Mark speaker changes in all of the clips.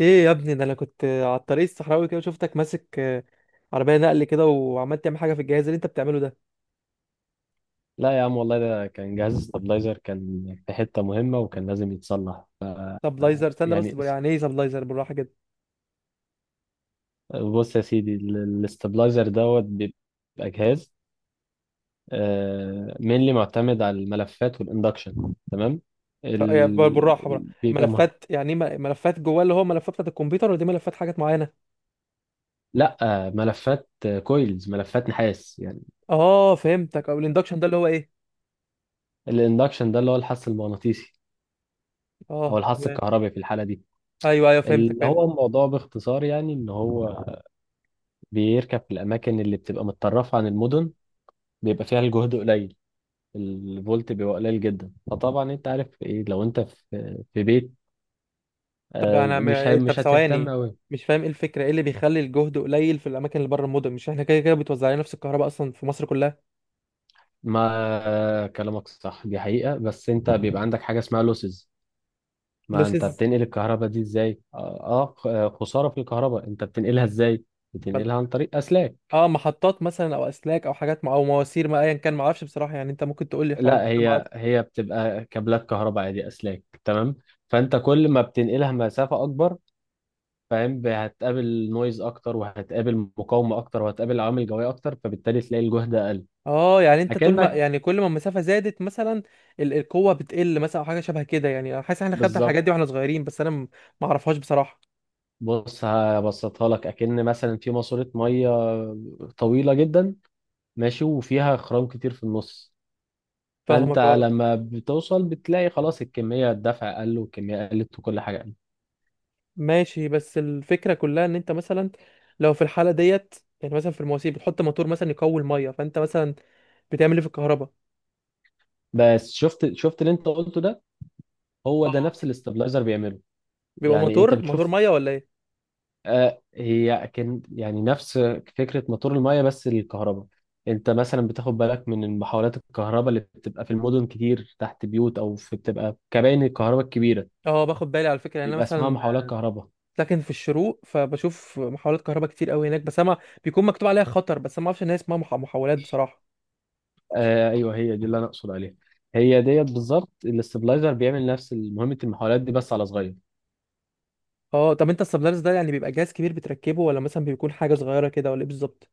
Speaker 1: ايه يا ابني، ده انا كنت على الطريق الصحراوي كده وشفتك ماسك عربيه نقل كده وعمال تعمل حاجه في الجهاز اللي انت بتعمله ده
Speaker 2: لا يا عم، والله ده كان جهاز استابلايزر، كان في حتة مهمة وكان لازم يتصلح.
Speaker 1: سبلايزر. استنى
Speaker 2: يعني
Speaker 1: بس،
Speaker 2: اس-
Speaker 1: يعني ايه سبلايزر؟ بالراحه كده.
Speaker 2: بص يا سيدي، الاستابلايزر دوت بيبقى جهاز مينلي معتمد على الملفات والاندكشن. تمام. ال...
Speaker 1: يا بالراحه بالراحه.
Speaker 2: ال- بيبقى مه...
Speaker 1: ملفات؟ يعني ايه، ملفات جواه؟ اللي هو ملفات بتاعت الكمبيوتر، ولا دي ملفات حاجات معينه؟
Speaker 2: لا، ملفات كويلز، ملفات نحاس يعني.
Speaker 1: اه فهمتك. او الاندكشن ده اللي هو ايه؟
Speaker 2: الاندكشن ده اللي هو الحث المغناطيسي او
Speaker 1: اه،
Speaker 2: الحث
Speaker 1: تمام.
Speaker 2: الكهربي في الحالة دي.
Speaker 1: ايوه ايوه، فهمتك،
Speaker 2: اللي هو
Speaker 1: فهمت.
Speaker 2: الموضوع باختصار يعني ان هو بيركب في الاماكن اللي بتبقى متطرفة عن المدن، بيبقى فيها الجهد قليل، الفولت بيبقى قليل جدا. فطبعا انت عارف ايه؟ لو انت في بيت،
Speaker 1: طب انا م- إيه، طب
Speaker 2: مش هتهتم
Speaker 1: ثواني.
Speaker 2: قوي.
Speaker 1: مش فاهم ايه الفكره، ايه اللي بيخلي الجهد قليل في الاماكن اللي بره المدن؟ مش احنا كده كده بتوزع علينا نفس الكهرباء اصلا في مصر كلها؟
Speaker 2: ما آه، كلامك صح، دي حقيقة، بس انت بيبقى عندك حاجة اسمها لوسز. ما انت
Speaker 1: لوسز؟
Speaker 2: بتنقل الكهرباء دي ازاي؟ اه. خسارة في الكهرباء، انت بتنقلها ازاي؟ بتنقلها عن طريق اسلاك.
Speaker 1: اه، محطات مثلا او اسلاك او حاجات مع او مواسير، ما ايا كان، ما اعرفش بصراحه، يعني انت ممكن تقول لي الحوار
Speaker 2: لا،
Speaker 1: ده، ما
Speaker 2: هي
Speaker 1: اعرفش.
Speaker 2: هي بتبقى كابلات كهرباء عادي، اسلاك. تمام. فانت كل ما بتنقلها مسافة اكبر، فاهم؟ هتقابل نويز اكتر، وهتقابل مقاومه اكتر، وهتقابل عوامل جويه اكتر، فبالتالي تلاقي الجهد اقل.
Speaker 1: اه يعني انت طول ما،
Speaker 2: اكنك.
Speaker 1: يعني كل ما المسافه زادت مثلا، القوه بتقل مثلا او حاجه شبه كده، يعني انا حاسس احنا خدنا
Speaker 2: بالظبط.
Speaker 1: الحاجات دي واحنا صغيرين، بس انا ما اعرفهاش بصراحه.
Speaker 2: بص هبسطها لك، اكن مثلا في ماسوره ميه طويله جدا، ماشي، وفيها خرام كتير في النص. فانت
Speaker 1: فاهمك، اه.
Speaker 2: لما بتوصل بتلاقي خلاص الكميه الدفع قل والكميه قلت وكل حاجه قلت.
Speaker 1: ماشي، بس الفكره كلها ان انت مثلا لو في الحاله ديت، يعني مثلا في المواسير بتحط موتور مثلا يقوي الميه، فانت مثلا بتعمل ايه في الكهرباء؟
Speaker 2: بس شفت اللي انت قلته ده، هو ده نفس الاستابلايزر بيعمله.
Speaker 1: بيبقى
Speaker 2: يعني انت
Speaker 1: موتور
Speaker 2: بتشوف.
Speaker 1: ميه ولا ايه؟
Speaker 2: هي كان يعني نفس فكرة موتور المية بس للكهرباء. انت مثلا بتاخد بالك من محاولات الكهرباء اللي بتبقى في المدن كتير، تحت بيوت او في بتبقى كباين الكهرباء الكبيرة.
Speaker 1: اه، باخد بالي على فكره. يعني انا
Speaker 2: بيبقى اسمها
Speaker 1: مثلا
Speaker 2: محاولات كهرباء.
Speaker 1: ساكن في الشروق، فبشوف محولات كهرباء كتير قوي هناك، بس انا بيكون مكتوب عليها خطر. بس أنا ما اعرفش ان هي اسمها محولات بصراحه.
Speaker 2: آه ايوه، هي دي اللي انا اقصد عليها. هي ديت بالظبط الاستبلايزر بيعمل نفس مهمة المحاولات دي بس على صغير.
Speaker 1: اه، طب انت السبلايرز ده يعني بيبقى جهاز كبير بتركبه، ولا مثلا بيكون حاجه صغيره كده، ولا ايه بالظبط؟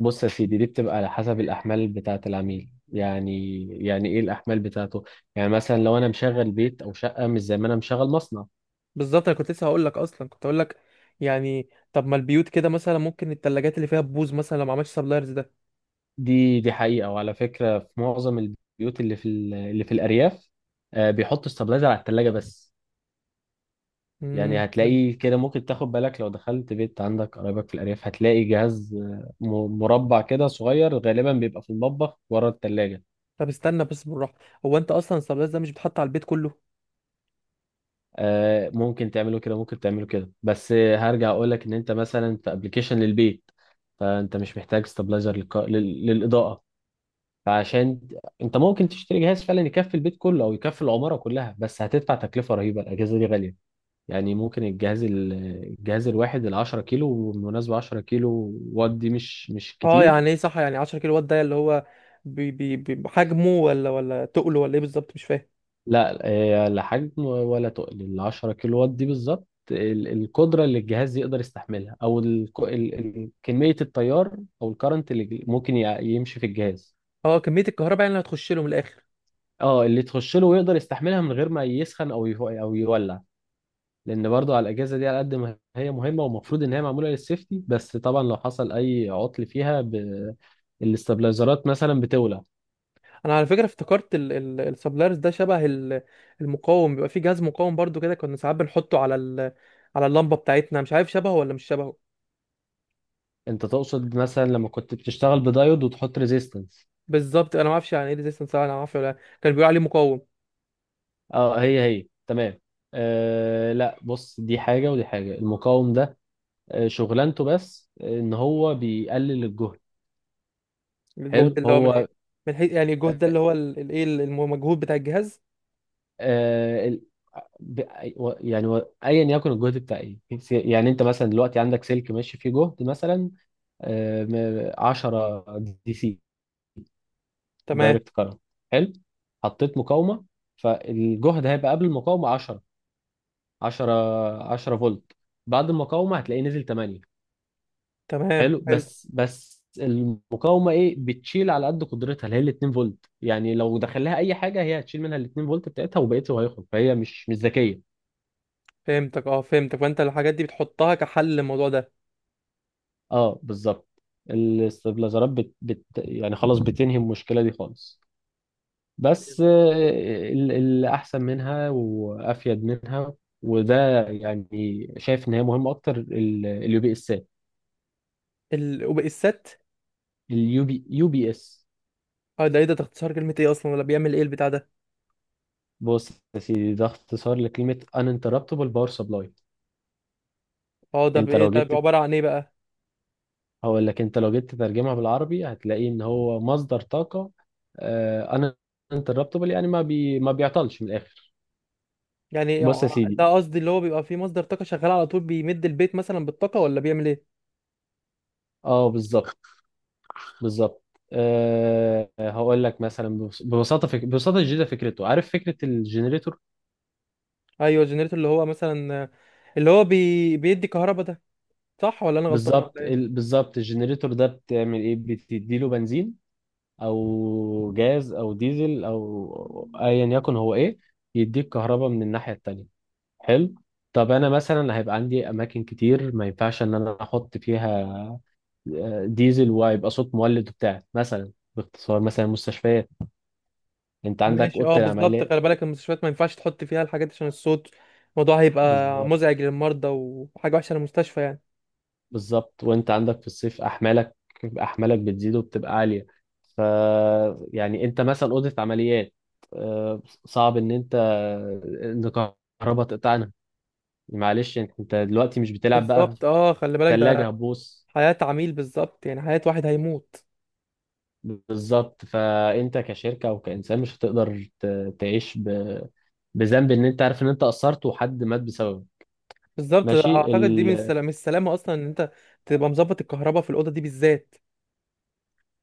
Speaker 2: بص يا سيدي، دي بتبقى على حسب الاحمال بتاعة العميل. يعني يعني ايه الاحمال بتاعته؟ يعني مثلا لو انا مشغل بيت او شقة مش زي ما انا مشغل مصنع.
Speaker 1: بالظبط، انا كنت لسه هقول لك، اصلا كنت هقول لك، يعني طب ما البيوت كده مثلا ممكن الثلاجات اللي فيها بوز مثلا لو ما عملتش سبلايرز ده.
Speaker 2: دي حقيقة. وعلى فكرة في معظم البيوت اللي في الأرياف، بيحطوا استابلايزر على التلاجة بس. يعني
Speaker 1: امم.
Speaker 2: هتلاقي كده ممكن تاخد بالك لو دخلت بيت عندك قرايبك في الأرياف، هتلاقي جهاز مربع كده صغير، غالبا بيبقى في المطبخ ورا التلاجة.
Speaker 1: طب استنى بس، بالراحه. هو انت اصلا السبلايرز ده مش بيتحط على البيت كله؟
Speaker 2: ممكن تعمله كده بس هرجع أقولك إن أنت مثلا في أبلكيشن للبيت، فأنت مش محتاج استابلايزر للإضاءة. فعشان انت ممكن تشتري جهاز فعلا يكفي البيت كله او يكفي العماره كلها، بس هتدفع تكلفه رهيبه. الاجهزه دي غاليه. يعني الجهاز الواحد، ال 10 كيلو بالمناسبه، 10 كيلو وات دي مش
Speaker 1: اه،
Speaker 2: كتير.
Speaker 1: يعني ايه؟ صح، يعني 10 كيلو وات ده اللي هو بحجمه ولا تقله، ولا ايه بالظبط؟ مش فاهم.
Speaker 2: لا، لا حجم ولا تقل. ال 10 كيلو وات دي بالظبط القدره اللي الجهاز يقدر يستحملها، او ال كميه التيار، او الكرنت اللي ممكن يمشي في الجهاز.
Speaker 1: اه، كميه الكهرباء يعني اللي هتخش له من الاخر.
Speaker 2: اه، اللي تخش له ويقدر يستحملها من غير ما يسخن او يولع. لان برضو على الاجهزه دي، على قد ما هي مهمه ومفروض ان هي معموله للسيفتي، بس طبعا لو حصل اي عطل فيها الاستابلايزرات مثلا بتولع.
Speaker 1: انا على فكره افتكرت السبلايرز ده شبه المقاوم، بيبقى فيه جهاز مقاوم برضو كده كنا ساعات بنحطه على على اللمبه بتاعتنا، مش عارف شبهه ولا مش شبهه.
Speaker 2: انت تقصد مثلا لما كنت بتشتغل بدايود وتحط ريزيستنس.
Speaker 1: بالظبط، انا ما اعرفش يعني ايه ريزيستنس، انا ما اعرفش، ولا كان بيقول عليه مقاوم.
Speaker 2: اه، هي تمام. آه لا، بص دي حاجه ودي حاجه. المقاوم ده، آه شغلانته بس ان هو بيقلل الجهد.
Speaker 1: الجهد
Speaker 2: حلو
Speaker 1: اللي هو
Speaker 2: هو.
Speaker 1: من ايه؟ من حيث يعني الجهد ده اللي
Speaker 2: آه.
Speaker 1: هو الايه، المجهود بتاع الجهاز.
Speaker 2: آه، ال- ب... و- يعني و- ايا يكن الجهد بتاع ايه، يعني انت مثلا دلوقتي عندك سلك ماشي فيه جهد مثلا 10، دي سي،
Speaker 1: تمام.
Speaker 2: دايركت كارنت. حلو. حطيت مقاومه، فالجهد هيبقى قبل المقاومه 10، 10 10 فولت. بعد المقاومه هتلاقيه نزل 8.
Speaker 1: تمام
Speaker 2: حلو.
Speaker 1: حلو.
Speaker 2: بس المقاومه ايه، بتشيل على قد قدرتها، اللي هي ال 2 فولت. يعني لو دخل لها اي حاجه هي هتشيل منها ال 2 فولت بتاعتها وبقيته هيخرج، فهي مش ذكيه.
Speaker 1: فهمتك، اه، فهمتك. فانت الحاجات دي بتحطها كحل للموضوع ده.
Speaker 2: اه بالظبط. الاستابلايزرات بت... بت... يعني خلاص بتنهي المشكله دي خالص. بس اللي احسن منها وافيد منها، وده يعني شايف ان هي مهمه اكتر، اليو بي اسات،
Speaker 1: وبقى الست.
Speaker 2: اليو بي يو بي اس.
Speaker 1: اه، ده ايه ده اختصار كلمه ايه اصلا، ولا بيعمل ايه البتاع ده؟
Speaker 2: بص يا سيدي، ده اختصار لكلمه uninterruptible power supply.
Speaker 1: اه، ده
Speaker 2: انت
Speaker 1: بايه؟
Speaker 2: لو
Speaker 1: ده
Speaker 2: جيت،
Speaker 1: عباره عن ايه بقى؟
Speaker 2: هقول لك انت لو جيت تترجمها بالعربي هتلاقي ان هو مصدر طاقه. آه، uninterruptible يعني ما بيعطلش من الاخر.
Speaker 1: يعني
Speaker 2: بص يا سيدي.
Speaker 1: ده قصدي، اللي هو بيبقى فيه مصدر طاقة شغال على طول بيمد البيت مثلا بالطاقة، ولا بيعمل ايه؟
Speaker 2: اه بالظبط. بالظبط. أه هقول لك مثلا ببساطه جدا فكرته. عارف فكره الجنريتور؟
Speaker 1: ايوه الجنريتور، اللي هو مثلا اللي هو بيدي كهرباء ده، صح ولا انا غلطان ولا
Speaker 2: بالظبط.
Speaker 1: ايه؟
Speaker 2: بالظبط الجنريتور ده بتعمل ايه؟ بتديله بنزين او جاز او ديزل او ايا يكن هو ايه، يديك كهرباء من الناحيه التانيه. حلو. طب انا مثلا هيبقى عندي اماكن كتير ما ينفعش ان انا احط فيها ديزل وهيبقى صوت مولد وبتاع، مثلا باختصار مثلا مستشفيات. انت عندك
Speaker 1: ماشي، اه،
Speaker 2: اوضه
Speaker 1: بالظبط،
Speaker 2: العمليه.
Speaker 1: خلي بالك المستشفيات ما ينفعش تحط فيها الحاجات دي عشان الصوت. الموضوع هيبقى
Speaker 2: بالظبط.
Speaker 1: مزعج للمرضى، وحاجة وحشة للمستشفى يعني.
Speaker 2: بالظبط. وانت عندك في الصيف احمالك بتزيد وبتبقى عاليه. ف يعني انت مثلا اوضه عمليات، صعب ان انت ان كهرباء تقطعنا. معلش، أنت دلوقتي مش بتلعب بقى في
Speaker 1: بالظبط، اه، خلي بالك ده
Speaker 2: ثلاجه هتبوظ.
Speaker 1: حياة عميل، بالظبط، يعني حياة واحد هيموت.
Speaker 2: بالظبط. فانت كشركه او كانسان مش هتقدر تعيش بذنب ان انت عارف ان انت قصرت وحد مات بسببه.
Speaker 1: بالظبط،
Speaker 2: ماشي.
Speaker 1: اعتقد دي من السلامة اصلا، ان انت تبقى مظبط الكهرباء في الأوضة دي بالذات.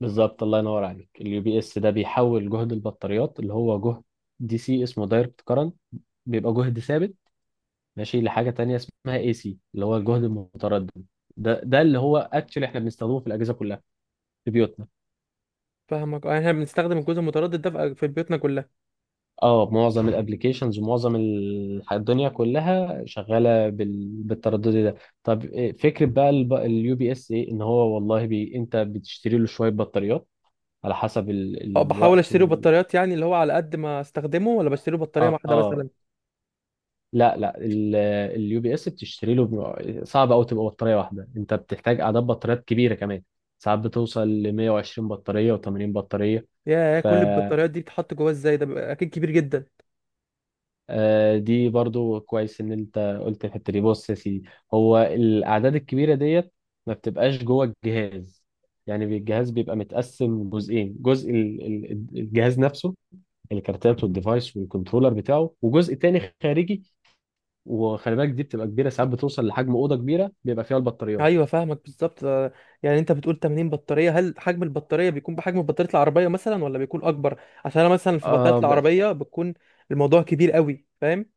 Speaker 2: بالظبط. الله ينور عليك. اليو بي اس ده بيحول جهد البطاريات، اللي هو جهد دي سي، اسمه دايركت كارنت، بيبقى جهد ثابت، ماشي لحاجه تانية اسمها اي سي، اللي هو الجهد المتردد. ده اللي هو اكشلي احنا بنستخدمه في الاجهزه كلها في بيوتنا.
Speaker 1: فاهمك، اه، يعني احنا بنستخدم الجزء المتردد ده في بيوتنا كلها.
Speaker 2: اه، معظم الابلكيشنز ومعظم الدنيا كلها شغاله بالتردد ده. طب إيه فكره بقى اليو بي اس؟ ايه ان هو، والله انت بتشتري له شويه بطاريات على حسب
Speaker 1: اه، بحاول
Speaker 2: الوقت
Speaker 1: اشتري بطاريات، يعني اللي هو على قد ما استخدمه، ولا بشتري بطارية واحدة
Speaker 2: اه.
Speaker 1: مثلا؟
Speaker 2: لا اليو بي اس بتشتري له صعب قوي تبقى بطاريه واحده، انت بتحتاج اعداد بطاريات كبيره كمان، ساعات بتوصل ل 120 بطاريه و 80 بطاريه.
Speaker 1: يا،
Speaker 2: ف
Speaker 1: كل البطاريات دي بتتحط جواه ازاي؟ ده بيبقى اكيد كبير جدا.
Speaker 2: دي برضو كويس ان انت قلت الحته دي. بص يا سيدي، هو الاعداد الكبيره ديت ما بتبقاش جوه الجهاز. يعني الجهاز بيبقى متقسم جزئين، جزء الجهاز نفسه، الكارتات والديفايس والكنترولر بتاعه، وجزء تاني خارجي. وخلي بالك دي بتبقى كبيره، ساعات بتوصل لحجم اوضه كبيره بيبقى فيها البطاريات.
Speaker 1: ايوه فاهمك، بالظبط، اه، يعني انت بتقول 80 بطارية، هل حجم البطارية بيكون بحجم بطارية العربية مثلا، ولا بيكون اكبر؟ عشان انا مثلا في بطارية
Speaker 2: اه
Speaker 1: العربية بتكون الموضوع كبير قوي، فاهم.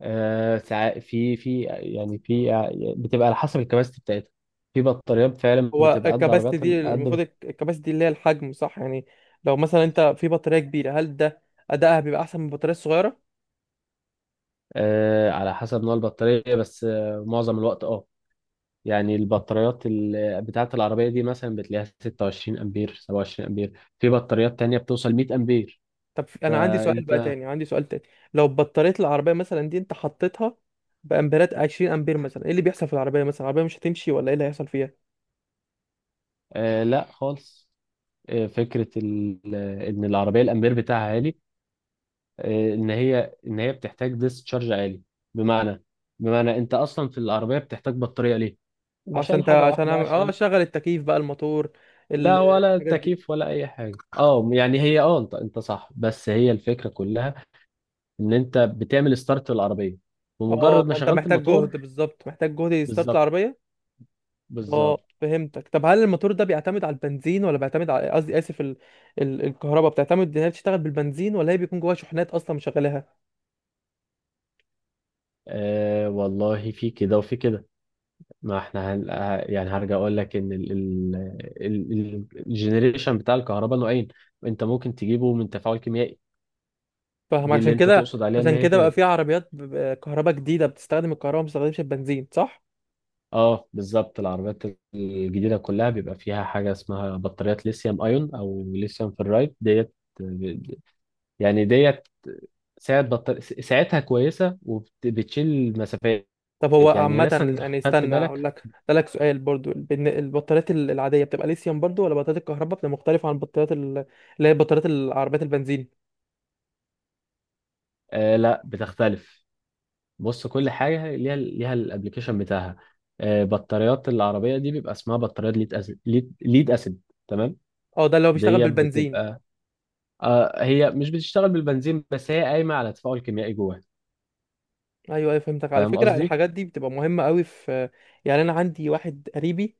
Speaker 2: في، بتبقى على حسب الكباستي بتاعتها. في بطاريات فعلا
Speaker 1: هو
Speaker 2: بتبقى قد
Speaker 1: الكباستي
Speaker 2: عربيات
Speaker 1: دي المفروض،
Speaker 2: قد.
Speaker 1: الكباستي اللي هي الحجم، صح؟ يعني لو مثلا انت في بطارية كبيرة، هل ده ادائها بيبقى احسن من البطارية الصغيرة؟
Speaker 2: آه على حسب نوع البطارية، بس آه معظم الوقت اه، يعني البطاريات بتاعة العربية دي مثلا بتلاقيها 26 أمبير، 27 أمبير. في بطاريات تانية بتوصل 100 أمبير.
Speaker 1: طب انا عندي سؤال بقى
Speaker 2: فأنت.
Speaker 1: تاني، عندي سؤال تاني. لو بطارية العربية مثلا دي انت حطيتها بامبيرات 20 امبير مثلا، ايه اللي بيحصل في العربية؟ مثلا العربية مش هتمشي، ولا ايه اللي هيحصل فيها؟
Speaker 2: آه لا خالص. آه فكرة إن العربية الأمبير بتاعها عالي، ان هي بتحتاج ديسشارج عالي. بمعنى بمعنى انت اصلا في العربيه بتحتاج بطاريه ليه؟
Speaker 1: عشان
Speaker 2: عشان
Speaker 1: انت،
Speaker 2: حاجه
Speaker 1: عشان
Speaker 2: واحده،
Speaker 1: اعمل
Speaker 2: عشان.
Speaker 1: شغل التكييف بقى، الموتور،
Speaker 2: لا ولا
Speaker 1: الحاجات دي.
Speaker 2: تكييف ولا اي حاجه، اه يعني هي اه، انت صح، بس هي الفكره كلها ان انت بتعمل ستارت للعربيه بمجرد
Speaker 1: اه
Speaker 2: ما
Speaker 1: فانت
Speaker 2: شغلت
Speaker 1: محتاج جهد،
Speaker 2: الموتور.
Speaker 1: بالظبط محتاج جهد يستارت
Speaker 2: بالظبط.
Speaker 1: العربية. اه
Speaker 2: بالظبط.
Speaker 1: فهمتك. طب هل الموتور ده بيعتمد على البنزين، ولا بيعتمد على، قصدي اسف، الكهرباء بتعتمد ان هي بتشتغل بالبنزين، ولا هي بيكون جواها شحنات اصلا مشغلاها؟
Speaker 2: آه والله في كده وفي كده. ما احنا هن... آه، يعني هرجع اقول لك ان الجنريشن بتاع الكهرباء نوعين، انت ممكن تجيبه من تفاعل كيميائي.
Speaker 1: فاهم
Speaker 2: دي اللي
Speaker 1: عشان
Speaker 2: انت
Speaker 1: كده.
Speaker 2: تقصد عليها ان
Speaker 1: عشان
Speaker 2: هي
Speaker 1: كده بقى
Speaker 2: كده.
Speaker 1: في عربيات كهرباء جديدة بتستخدم الكهرباء ما بتستخدمش البنزين، صح؟
Speaker 2: اه بالظبط. العربيات الجديده كلها بيبقى فيها حاجه اسمها بطاريات ليثيوم ايون او ليثيوم فيرايد ديت. يعني ديت ساعتها كويسة وبتشيل مسافات.
Speaker 1: طب هو
Speaker 2: يعني
Speaker 1: عامة،
Speaker 2: مثلا.
Speaker 1: يعني
Speaker 2: خدت
Speaker 1: استنى اقول
Speaker 2: بالك.
Speaker 1: لك اسالك سؤال برضو. البطاريات العادية بتبقى ليثيوم برضو، ولا بطاريات الكهرباء بتبقى مختلفة عن البطاريات، اللي هي بطاريات العربيات البنزين؟
Speaker 2: آه لا بتختلف. بص كل حاجة ليها الابليكيشن بتاعها. آه بطاريات العربية دي بيبقى اسمها بطاريات ليد اسيد، ليد، ليد اسيد. تمام.
Speaker 1: اه، ده اللي هو بيشتغل
Speaker 2: دي
Speaker 1: بالبنزين.
Speaker 2: بتبقى. آه هي مش بتشتغل بالبنزين، بس هي قايمة على تفاعل كيميائي جواها.
Speaker 1: ايوه ايوه، فهمتك. على
Speaker 2: فاهم
Speaker 1: فكرة
Speaker 2: قصدي؟
Speaker 1: الحاجات دي بتبقى مهمة قوي في، يعني انا عندي واحد قريبي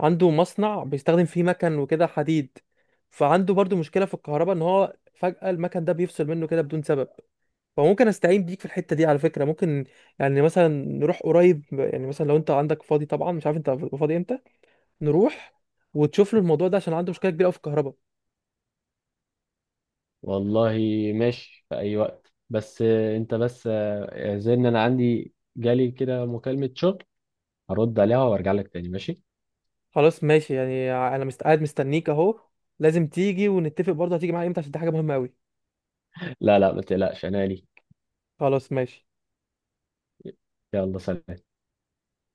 Speaker 1: عنده مصنع بيستخدم فيه مكن وكده حديد، فعنده برضو مشكلة في الكهرباء، ان هو فجأة المكن ده بيفصل منه كده بدون سبب. فممكن استعين بيك في الحته دي على فكره؟ ممكن يعني مثلا نروح قريب، يعني مثلا لو انت عندك فاضي، طبعا مش عارف انت فاضي امتى، نروح وتشوف له الموضوع ده عشان عنده مشكله كبيره قوي في الكهرباء.
Speaker 2: والله ماشي في أي وقت. بس آه أنت بس آه زي إن أنا عندي جالي كده مكالمة شغل، هرد عليها وأرجع لك تاني، ماشي؟
Speaker 1: خلاص ماشي، يعني انا قاعد مستنيك اهو. لازم تيجي ونتفق برضه، هتيجي معايا امتى عشان دي حاجه مهمه قوي.
Speaker 2: لا ما تقلقش أنا لي.
Speaker 1: خلاص ماشي.
Speaker 2: يلا سلام.